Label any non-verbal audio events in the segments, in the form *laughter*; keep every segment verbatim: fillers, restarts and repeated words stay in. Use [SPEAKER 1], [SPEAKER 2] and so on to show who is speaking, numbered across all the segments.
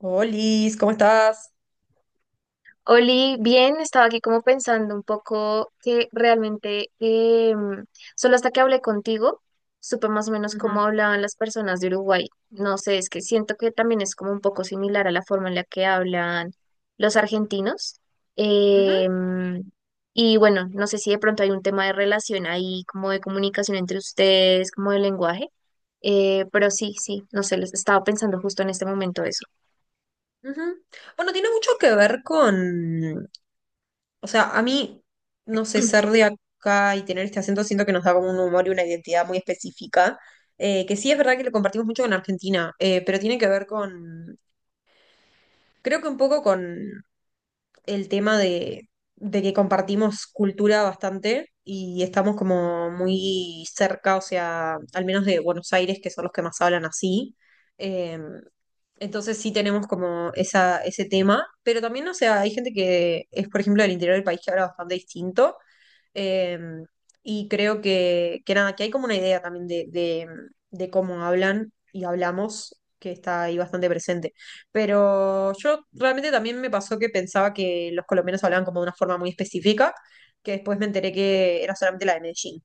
[SPEAKER 1] Olis, ¿cómo estás?
[SPEAKER 2] Oli, bien, estaba aquí como pensando un poco que realmente eh, solo hasta que hablé contigo supe más o menos cómo hablaban las personas de Uruguay. No sé, es que siento que también es como un poco similar a la forma en la que hablan los argentinos. Em, y bueno, no sé si de pronto hay un tema de relación ahí, como de comunicación entre ustedes, como de lenguaje. Eh, pero sí, sí, no sé, les estaba pensando justo en este momento eso.
[SPEAKER 1] Ujú. Bueno, tiene mucho que ver con, o sea, a mí, no sé, ser de acá y tener este acento siento que nos da como un humor y una identidad muy específica, eh, que sí es verdad que lo compartimos mucho con Argentina, eh, pero tiene que ver con, creo que un poco con el tema de, de que compartimos cultura bastante y estamos como muy cerca, o sea, al menos de Buenos Aires, que son los que más hablan así. em, Entonces sí tenemos como esa, ese tema, pero también, o sea, hay gente que es, por ejemplo, del interior del país que habla bastante distinto, eh, y creo que, que nada, que hay como una idea también de, de, de cómo hablan y hablamos, que está ahí bastante presente. Pero yo realmente también me pasó que pensaba que los colombianos hablaban como de una forma muy específica, que después me enteré que era solamente la de Medellín.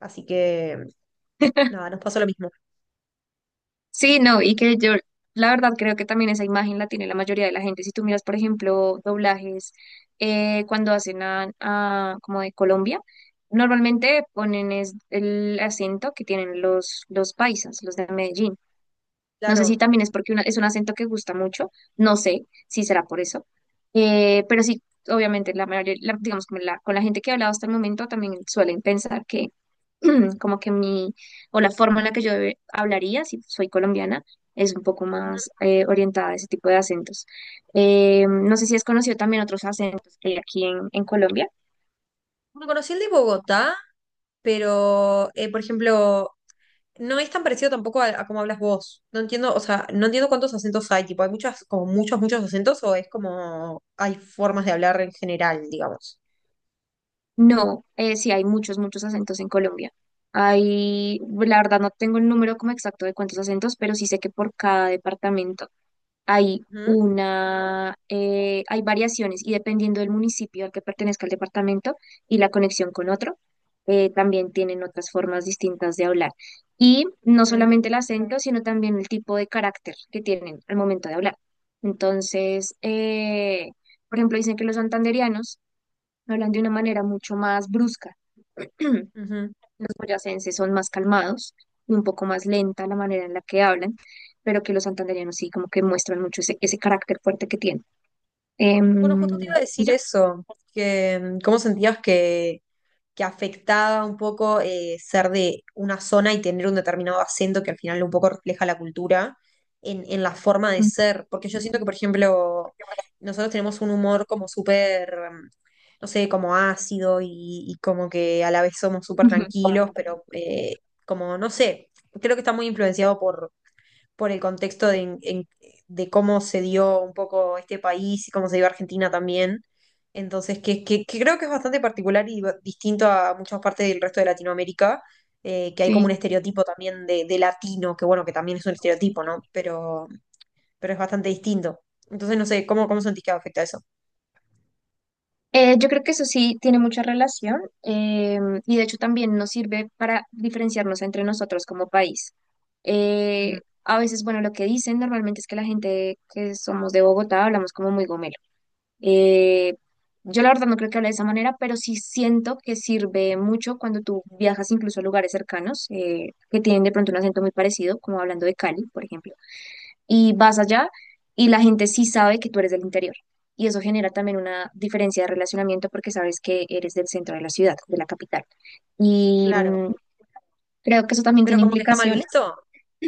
[SPEAKER 1] Así que, nada, nos pasó lo mismo.
[SPEAKER 2] Sí, no, y que yo, la verdad, creo que también esa imagen la tiene la mayoría de la gente. Si tú miras, por ejemplo, doblajes, eh, cuando hacen a, a- como de Colombia, normalmente ponen es el acento que tienen los, los paisas, los de Medellín. No sé si
[SPEAKER 1] Claro.
[SPEAKER 2] también es porque una- es un acento que gusta mucho, no sé si será por eso. Eh, pero sí, obviamente, la mayoría, la- digamos, como la- con la gente que he hablado hasta el momento también suelen pensar que *clears throat* como que mi, o la forma en la que yo eh, hablaría, si soy colombiana, es un poco más eh, orientada a ese tipo de acentos. Eh, no sé si has conocido también otros acentos que hay aquí en, en Colombia.
[SPEAKER 1] Bueno, conocí el de Bogotá, pero, eh, por ejemplo, no es tan parecido tampoco a, a cómo hablas vos. No entiendo, o sea, no entiendo cuántos acentos hay, tipo, hay muchas, como muchos, muchos acentos, o es como hay formas de hablar en general, digamos.
[SPEAKER 2] No, eh, sí, hay muchos, muchos acentos en Colombia. Hay, la verdad no tengo el número como exacto de cuántos acentos, pero sí sé que por cada departamento hay
[SPEAKER 1] Ujú,
[SPEAKER 2] una, eh, hay variaciones y dependiendo del municipio al que pertenezca el departamento y la conexión con otro, eh, también tienen otras formas distintas de hablar. Y no
[SPEAKER 1] sí,
[SPEAKER 2] solamente el acento, sino también el tipo de carácter que tienen al momento de hablar. Entonces, eh, por ejemplo, dicen que los santandereanos hablan de una manera mucho más brusca. *clears throat* Los
[SPEAKER 1] ujú.
[SPEAKER 2] boyacenses son más calmados y un poco más lenta la manera en la que hablan, pero que los santandereanos sí como que muestran mucho ese, ese carácter fuerte que tienen.
[SPEAKER 1] Bueno, justo te iba a
[SPEAKER 2] Em, y
[SPEAKER 1] decir
[SPEAKER 2] ya.
[SPEAKER 1] eso, que mm, cómo sentías que, que afectaba un poco eh, ser de una zona y tener un determinado acento que al final un poco refleja la cultura en, en la forma
[SPEAKER 2] *laughs*
[SPEAKER 1] de
[SPEAKER 2] Ujú.
[SPEAKER 1] ser. Porque yo siento que, por ejemplo, nosotros tenemos un humor como súper, mm, no sé, como ácido y, y como que a la vez somos súper
[SPEAKER 2] Ujú.
[SPEAKER 1] tranquilos, pero eh, como, no sé, creo que está muy influenciado por, por el contexto de, en- en- de cómo se dio un poco este país y cómo se dio Argentina también. Entonces, que, que- que creo que es bastante particular y ba- distinto a muchas partes del resto de Latinoamérica, eh, que hay como un
[SPEAKER 2] Sí.
[SPEAKER 1] estereotipo también de, de latino, que bueno, que también es un estereotipo, ¿no? Pero, pero es bastante distinto. Entonces, no sé, ¿cómo, cómo sentís que afecta eso?
[SPEAKER 2] Eh, yo creo que eso sí tiene mucha relación em, y de hecho también nos sirve para diferenciarnos entre nosotros como país.
[SPEAKER 1] Ujú,
[SPEAKER 2] Eh, a veces, bueno, lo que dicen normalmente es que la gente que somos de Bogotá hablamos como muy gomelo. Eh, yo la verdad no creo que hable de esa manera, pero sí siento que sirve mucho cuando tú viajas incluso a lugares cercanos eh, que tienen de pronto un acento muy parecido, como hablando de Cali, por ejemplo, y vas allá y la gente sí sabe que tú eres del interior. Y eso genera también una diferencia de relacionamiento porque sabes que eres del centro de la ciudad, de la capital. Y
[SPEAKER 1] claro.
[SPEAKER 2] mm, creo que eso también
[SPEAKER 1] Pero
[SPEAKER 2] tiene
[SPEAKER 1] como que está mal
[SPEAKER 2] implicaciones.
[SPEAKER 1] visto.
[SPEAKER 2] *clears throat*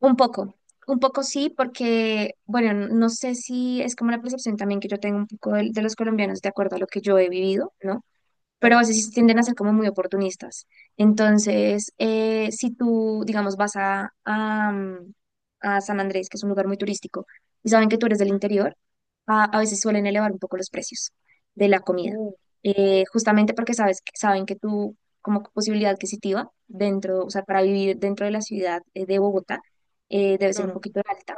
[SPEAKER 2] Un poco, un poco sí, porque, bueno, n- no sé si es como la percepción también que yo tengo un poco del- de, los colombianos de acuerdo a lo que yo he vivido, ¿no? Pero a
[SPEAKER 1] Claro.
[SPEAKER 2] veces sí tienden a ser como muy oportunistas. Entonces, eh, si tú, digamos, vas a, a, mm, a San Andrés, que es un lugar muy turístico, y saben que tú eres del
[SPEAKER 1] Ujú.
[SPEAKER 2] interior, a, a veces suelen elevar un poco los precios de la comida,
[SPEAKER 1] Uh,
[SPEAKER 2] eh, justamente porque sabes, que- saben que tú, como posibilidad adquisitiva, dentro, o sea, para vivir dentro de la ciudad eh, de Bogotá, eh, debe ser un
[SPEAKER 1] claro.
[SPEAKER 2] poquito alta.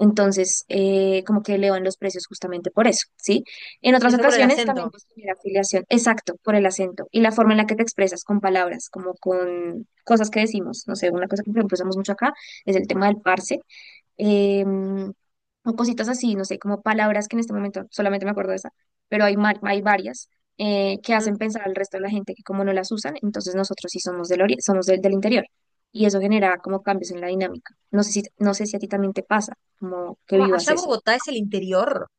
[SPEAKER 2] Entonces, eh, como que elevan los precios justamente por eso, ¿sí? En
[SPEAKER 1] Y
[SPEAKER 2] otras
[SPEAKER 1] eso por el
[SPEAKER 2] ocasiones también
[SPEAKER 1] acento.
[SPEAKER 2] puedes tener afiliación, exacto, por el acento y la forma en la que te expresas con palabras, como con cosas que decimos. No sé, una cosa que por ejemplo, usamos mucho acá es el tema del parce, em, o cositas así, no sé, como palabras que en este momento solamente me acuerdo de esa, pero hay, mar- hay varias eh, que
[SPEAKER 1] Ujú.
[SPEAKER 2] hacen pensar al resto de la gente que como no las usan, entonces nosotros sí somos del ori- somos del, del interior. Y eso genera como cambios en la dinámica. No sé si, no sé si a ti también te pasa, como que vivas
[SPEAKER 1] Allá
[SPEAKER 2] eso.
[SPEAKER 1] Bogotá es el interior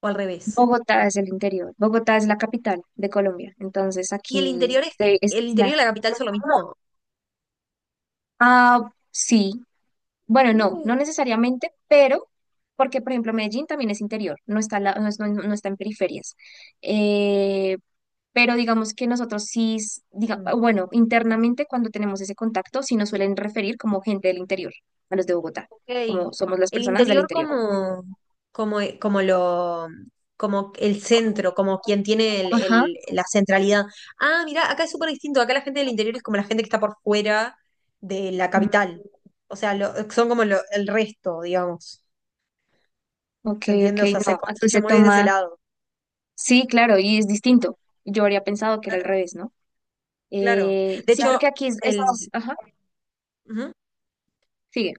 [SPEAKER 1] o al revés.
[SPEAKER 2] Bogotá es el interior. Bogotá es la capital de Colombia. Entonces
[SPEAKER 1] ¿Y el
[SPEAKER 2] aquí
[SPEAKER 1] interior es
[SPEAKER 2] se es
[SPEAKER 1] el
[SPEAKER 2] la-
[SPEAKER 1] interior de la capital son lo mismo?
[SPEAKER 2] Ah, sí. Bueno, no,
[SPEAKER 1] Mm,
[SPEAKER 2] no necesariamente, pero porque, por ejemplo, Medellín también es interior, no está, la- no, es- no- no está en periferias. Eh, pero digamos que nosotros sí, s- diga,
[SPEAKER 1] mm,
[SPEAKER 2] bueno, internamente cuando tenemos ese contacto, sí nos suelen referir como gente del interior, a los de Bogotá,
[SPEAKER 1] ok.
[SPEAKER 2] como somos las
[SPEAKER 1] El
[SPEAKER 2] personas del
[SPEAKER 1] interior
[SPEAKER 2] interior.
[SPEAKER 1] como, como, como lo, como el centro, como quien tiene el-
[SPEAKER 2] Ajá.
[SPEAKER 1] el- la centralidad. Ah, mira, acá es súper distinto. Acá la gente del interior es como la gente que está por fuera de la
[SPEAKER 2] Mm.
[SPEAKER 1] capital. O sea, lo- son como lo- el resto, digamos.
[SPEAKER 2] Ok,
[SPEAKER 1] ¿Se
[SPEAKER 2] ok,
[SPEAKER 1] entiende? O sea, se
[SPEAKER 2] no, aquí
[SPEAKER 1] construye
[SPEAKER 2] se
[SPEAKER 1] muy desde ese
[SPEAKER 2] toma.
[SPEAKER 1] lado.
[SPEAKER 2] Sí, claro, y es distinto. Yo habría pensado que era al
[SPEAKER 1] Claro,
[SPEAKER 2] revés, ¿no?
[SPEAKER 1] claro.
[SPEAKER 2] Eh,
[SPEAKER 1] De
[SPEAKER 2] sí, claro,
[SPEAKER 1] hecho,
[SPEAKER 2] porque aquí es, es- pero es-
[SPEAKER 1] el...
[SPEAKER 2] ajá,
[SPEAKER 1] ujú.
[SPEAKER 2] sigue.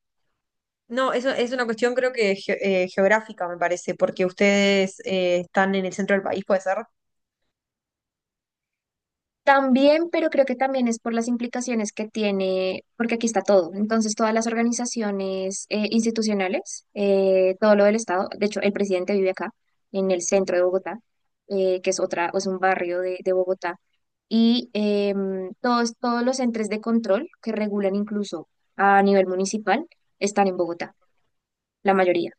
[SPEAKER 1] No, eso es una cuestión creo que ge- eh, geográfica, me parece, porque ustedes eh, están en el centro del país, ¿puede ser?
[SPEAKER 2] También, pero creo que también es por las implicaciones que tiene, porque aquí está todo. Entonces, todas las organizaciones eh, institucionales, eh, todo lo del Estado, de hecho, el presidente vive acá, en el centro de Bogotá, eh, que es otra, es un barrio de, de Bogotá, y em, todos, todos los entes de control que regulan incluso a nivel municipal están en Bogotá, la mayoría.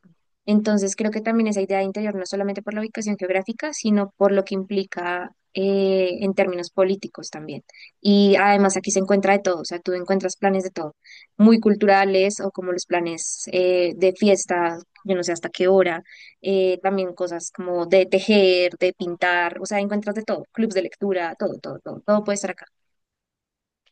[SPEAKER 2] Entonces, creo que también esa idea de interior, no solamente por la ubicación geográfica, sino por lo que implica eh, en términos políticos también. Y además aquí se encuentra de todo, o sea, tú encuentras planes de todo, muy culturales o como los planes eh, de fiesta, yo no sé hasta qué hora, eh, también cosas como de tejer, de pintar, o sea, encuentras de todo, clubs de lectura, todo, todo, todo, todo puede estar acá.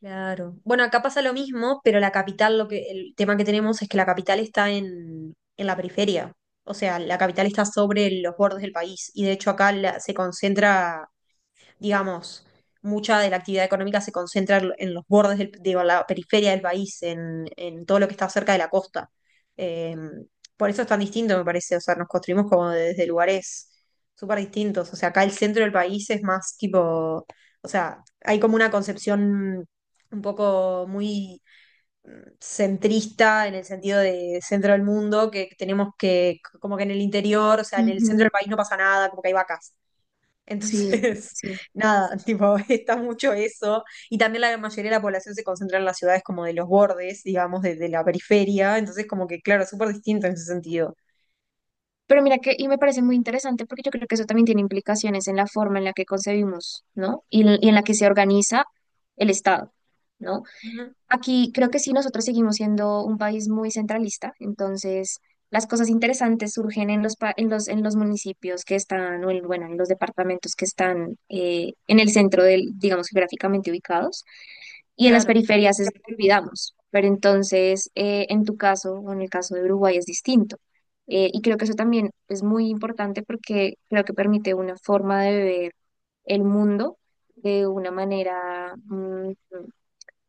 [SPEAKER 1] Claro. Bueno, acá pasa lo mismo, pero la capital, lo que, el tema que tenemos es que la capital está en, en la periferia. O sea, la capital está sobre los bordes del país. Y de hecho acá la- se concentra digamos, mucha de la actividad económica se concentra en en los bordes, del- de la periferia del país, en, en todo lo que está cerca de la costa. Eh, por eso es tan distinto, me parece. O sea, nos construimos como desde lugares súper distintos. O sea, acá el centro del país es más tipo, o sea, hay como una concepción un poco muy centrista en el sentido de centro del mundo, que tenemos que, como que en el interior, o sea, en el centro del
[SPEAKER 2] Ujú.
[SPEAKER 1] país no pasa nada, como que hay vacas.
[SPEAKER 2] Sí,
[SPEAKER 1] Entonces,
[SPEAKER 2] sí.
[SPEAKER 1] *laughs* nada, tipo, *laughs* está mucho eso. Y también la mayoría de la población se concentra en las ciudades como de los bordes, digamos, de, de la periferia. Entonces, como que, claro, súper distinto en ese sentido.
[SPEAKER 2] Pero mira que, y me parece muy interesante porque yo creo que eso también tiene implicaciones en la forma en la que concebimos, ¿no? Y, en y en la que se organiza el Estado, ¿no?
[SPEAKER 1] Ujú,
[SPEAKER 2] Aquí creo que sí, nosotros seguimos siendo un país muy centralista, entonces las cosas interesantes surgen en los, pa- en los, en los municipios que están, o en, bueno, en los departamentos que están eh, en el centro del, digamos, geográficamente ubicados. Y en las
[SPEAKER 1] claro,
[SPEAKER 2] periferias es lo que olvidamos, pero entonces eh, en tu caso o en el caso de Uruguay es distinto. Eh, y creo que eso también es muy importante porque creo que permite una forma de ver el mundo de una manera mm,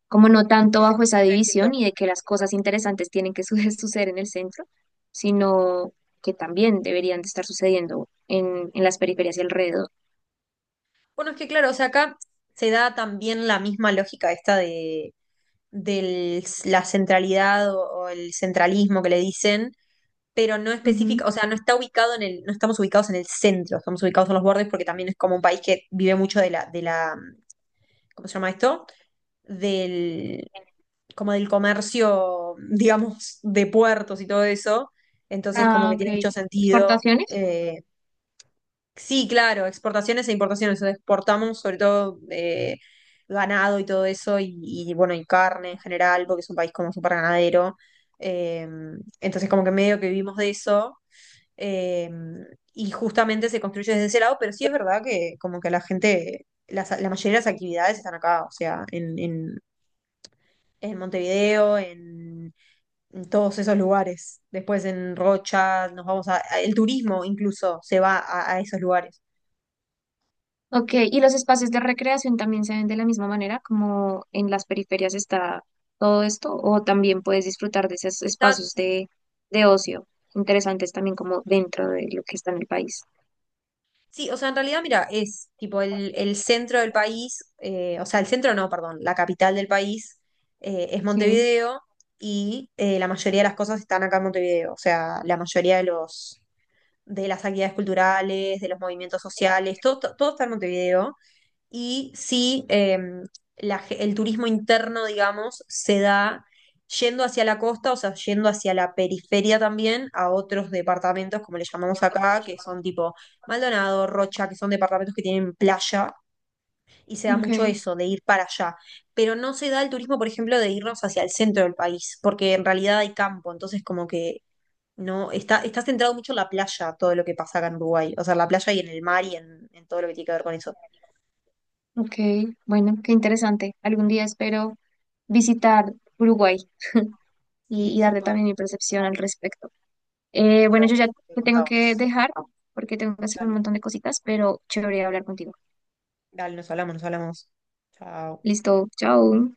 [SPEAKER 2] como no tanto
[SPEAKER 1] sí, se
[SPEAKER 2] bajo esa
[SPEAKER 1] construye
[SPEAKER 2] división
[SPEAKER 1] distinto.
[SPEAKER 2] y de que las cosas interesantes tienen que su- *laughs* suceder en el centro, sino que también deberían de estar sucediendo en, en las periferias y alrededor.
[SPEAKER 1] Bueno, es que, claro, o sea, acá se da también la misma lógica esta de, del- la centralidad o, o el centralismo que le dicen, pero no
[SPEAKER 2] Ujú.
[SPEAKER 1] específica, o sea, no está ubicado en el, no estamos ubicados en el centro, estamos ubicados en los bordes porque también es como un país que vive mucho de la, de la, ¿cómo se llama esto? Del, como del comercio, *laughs* digamos, de puertos y todo eso. Entonces, como
[SPEAKER 2] Ah,
[SPEAKER 1] que tiene
[SPEAKER 2] ok.
[SPEAKER 1] mucho sentido.
[SPEAKER 2] ¿Exportaciones?
[SPEAKER 1] Eh, sí, claro, exportaciones e importaciones. Exportamos sobre todo eh, ganado y todo eso, y, y, bueno, y carne en general, porque es un país como súper ganadero. Eh, entonces, como que medio que vivimos de eso. eh, y justamente se construye desde ese lado, pero sí es verdad que como que la gente, las- la mayoría de las actividades están acá, o sea, en, en en Montevideo, en, en todos esos lugares. Después en Rocha, nos vamos a, a- el turismo incluso se va a, a esos lugares.
[SPEAKER 2] Ok, y los espacios de recreación también se ven de la misma manera, como en las periferias está todo esto, o también puedes disfrutar de esos
[SPEAKER 1] Está,
[SPEAKER 2] espacios de, de ocio interesantes también como dentro de lo que está en el país.
[SPEAKER 1] sí, o sea, en realidad, mira, es tipo el, el centro del país, eh, o sea, el centro no, perdón, la capital del país eh, es
[SPEAKER 2] Sí,
[SPEAKER 1] Montevideo y eh, la mayoría de las cosas están acá en Montevideo, o sea, la mayoría de los de las actividades culturales, de los movimientos sociales, todo, todo todo está en Montevideo. Y sí eh, la ge- el turismo interno, digamos, se da yendo hacia la costa, o sea, yendo hacia la periferia también, a otros departamentos, como le llamamos acá, que son tipo Maldonado, Rocha, que son departamentos que tienen playa, y se da
[SPEAKER 2] ok,
[SPEAKER 1] mucho eso, de ir para allá. Pero no se da el turismo, por ejemplo, de irnos hacia el centro del país, porque en realidad hay campo, entonces como que no, está, está centrado mucho en la playa, todo lo que pasa acá en Uruguay, o sea, en la playa y en el mar y en, en todo lo que tiene que ver con eso.
[SPEAKER 2] ok, bueno, qué interesante. Algún día espero visitar Uruguay
[SPEAKER 1] Sí,
[SPEAKER 2] y, y darte
[SPEAKER 1] súper.
[SPEAKER 2] también mi percepción al respecto. Eh,
[SPEAKER 1] Día
[SPEAKER 2] bueno, yo ya
[SPEAKER 1] venís, te
[SPEAKER 2] te tengo que
[SPEAKER 1] contamos.
[SPEAKER 2] dejar porque tengo que hacer un
[SPEAKER 1] Dale,
[SPEAKER 2] montón de cositas, pero chévere hablar contigo.
[SPEAKER 1] dale, nos hablamos, nos hablamos. Chao.
[SPEAKER 2] Listo, chao.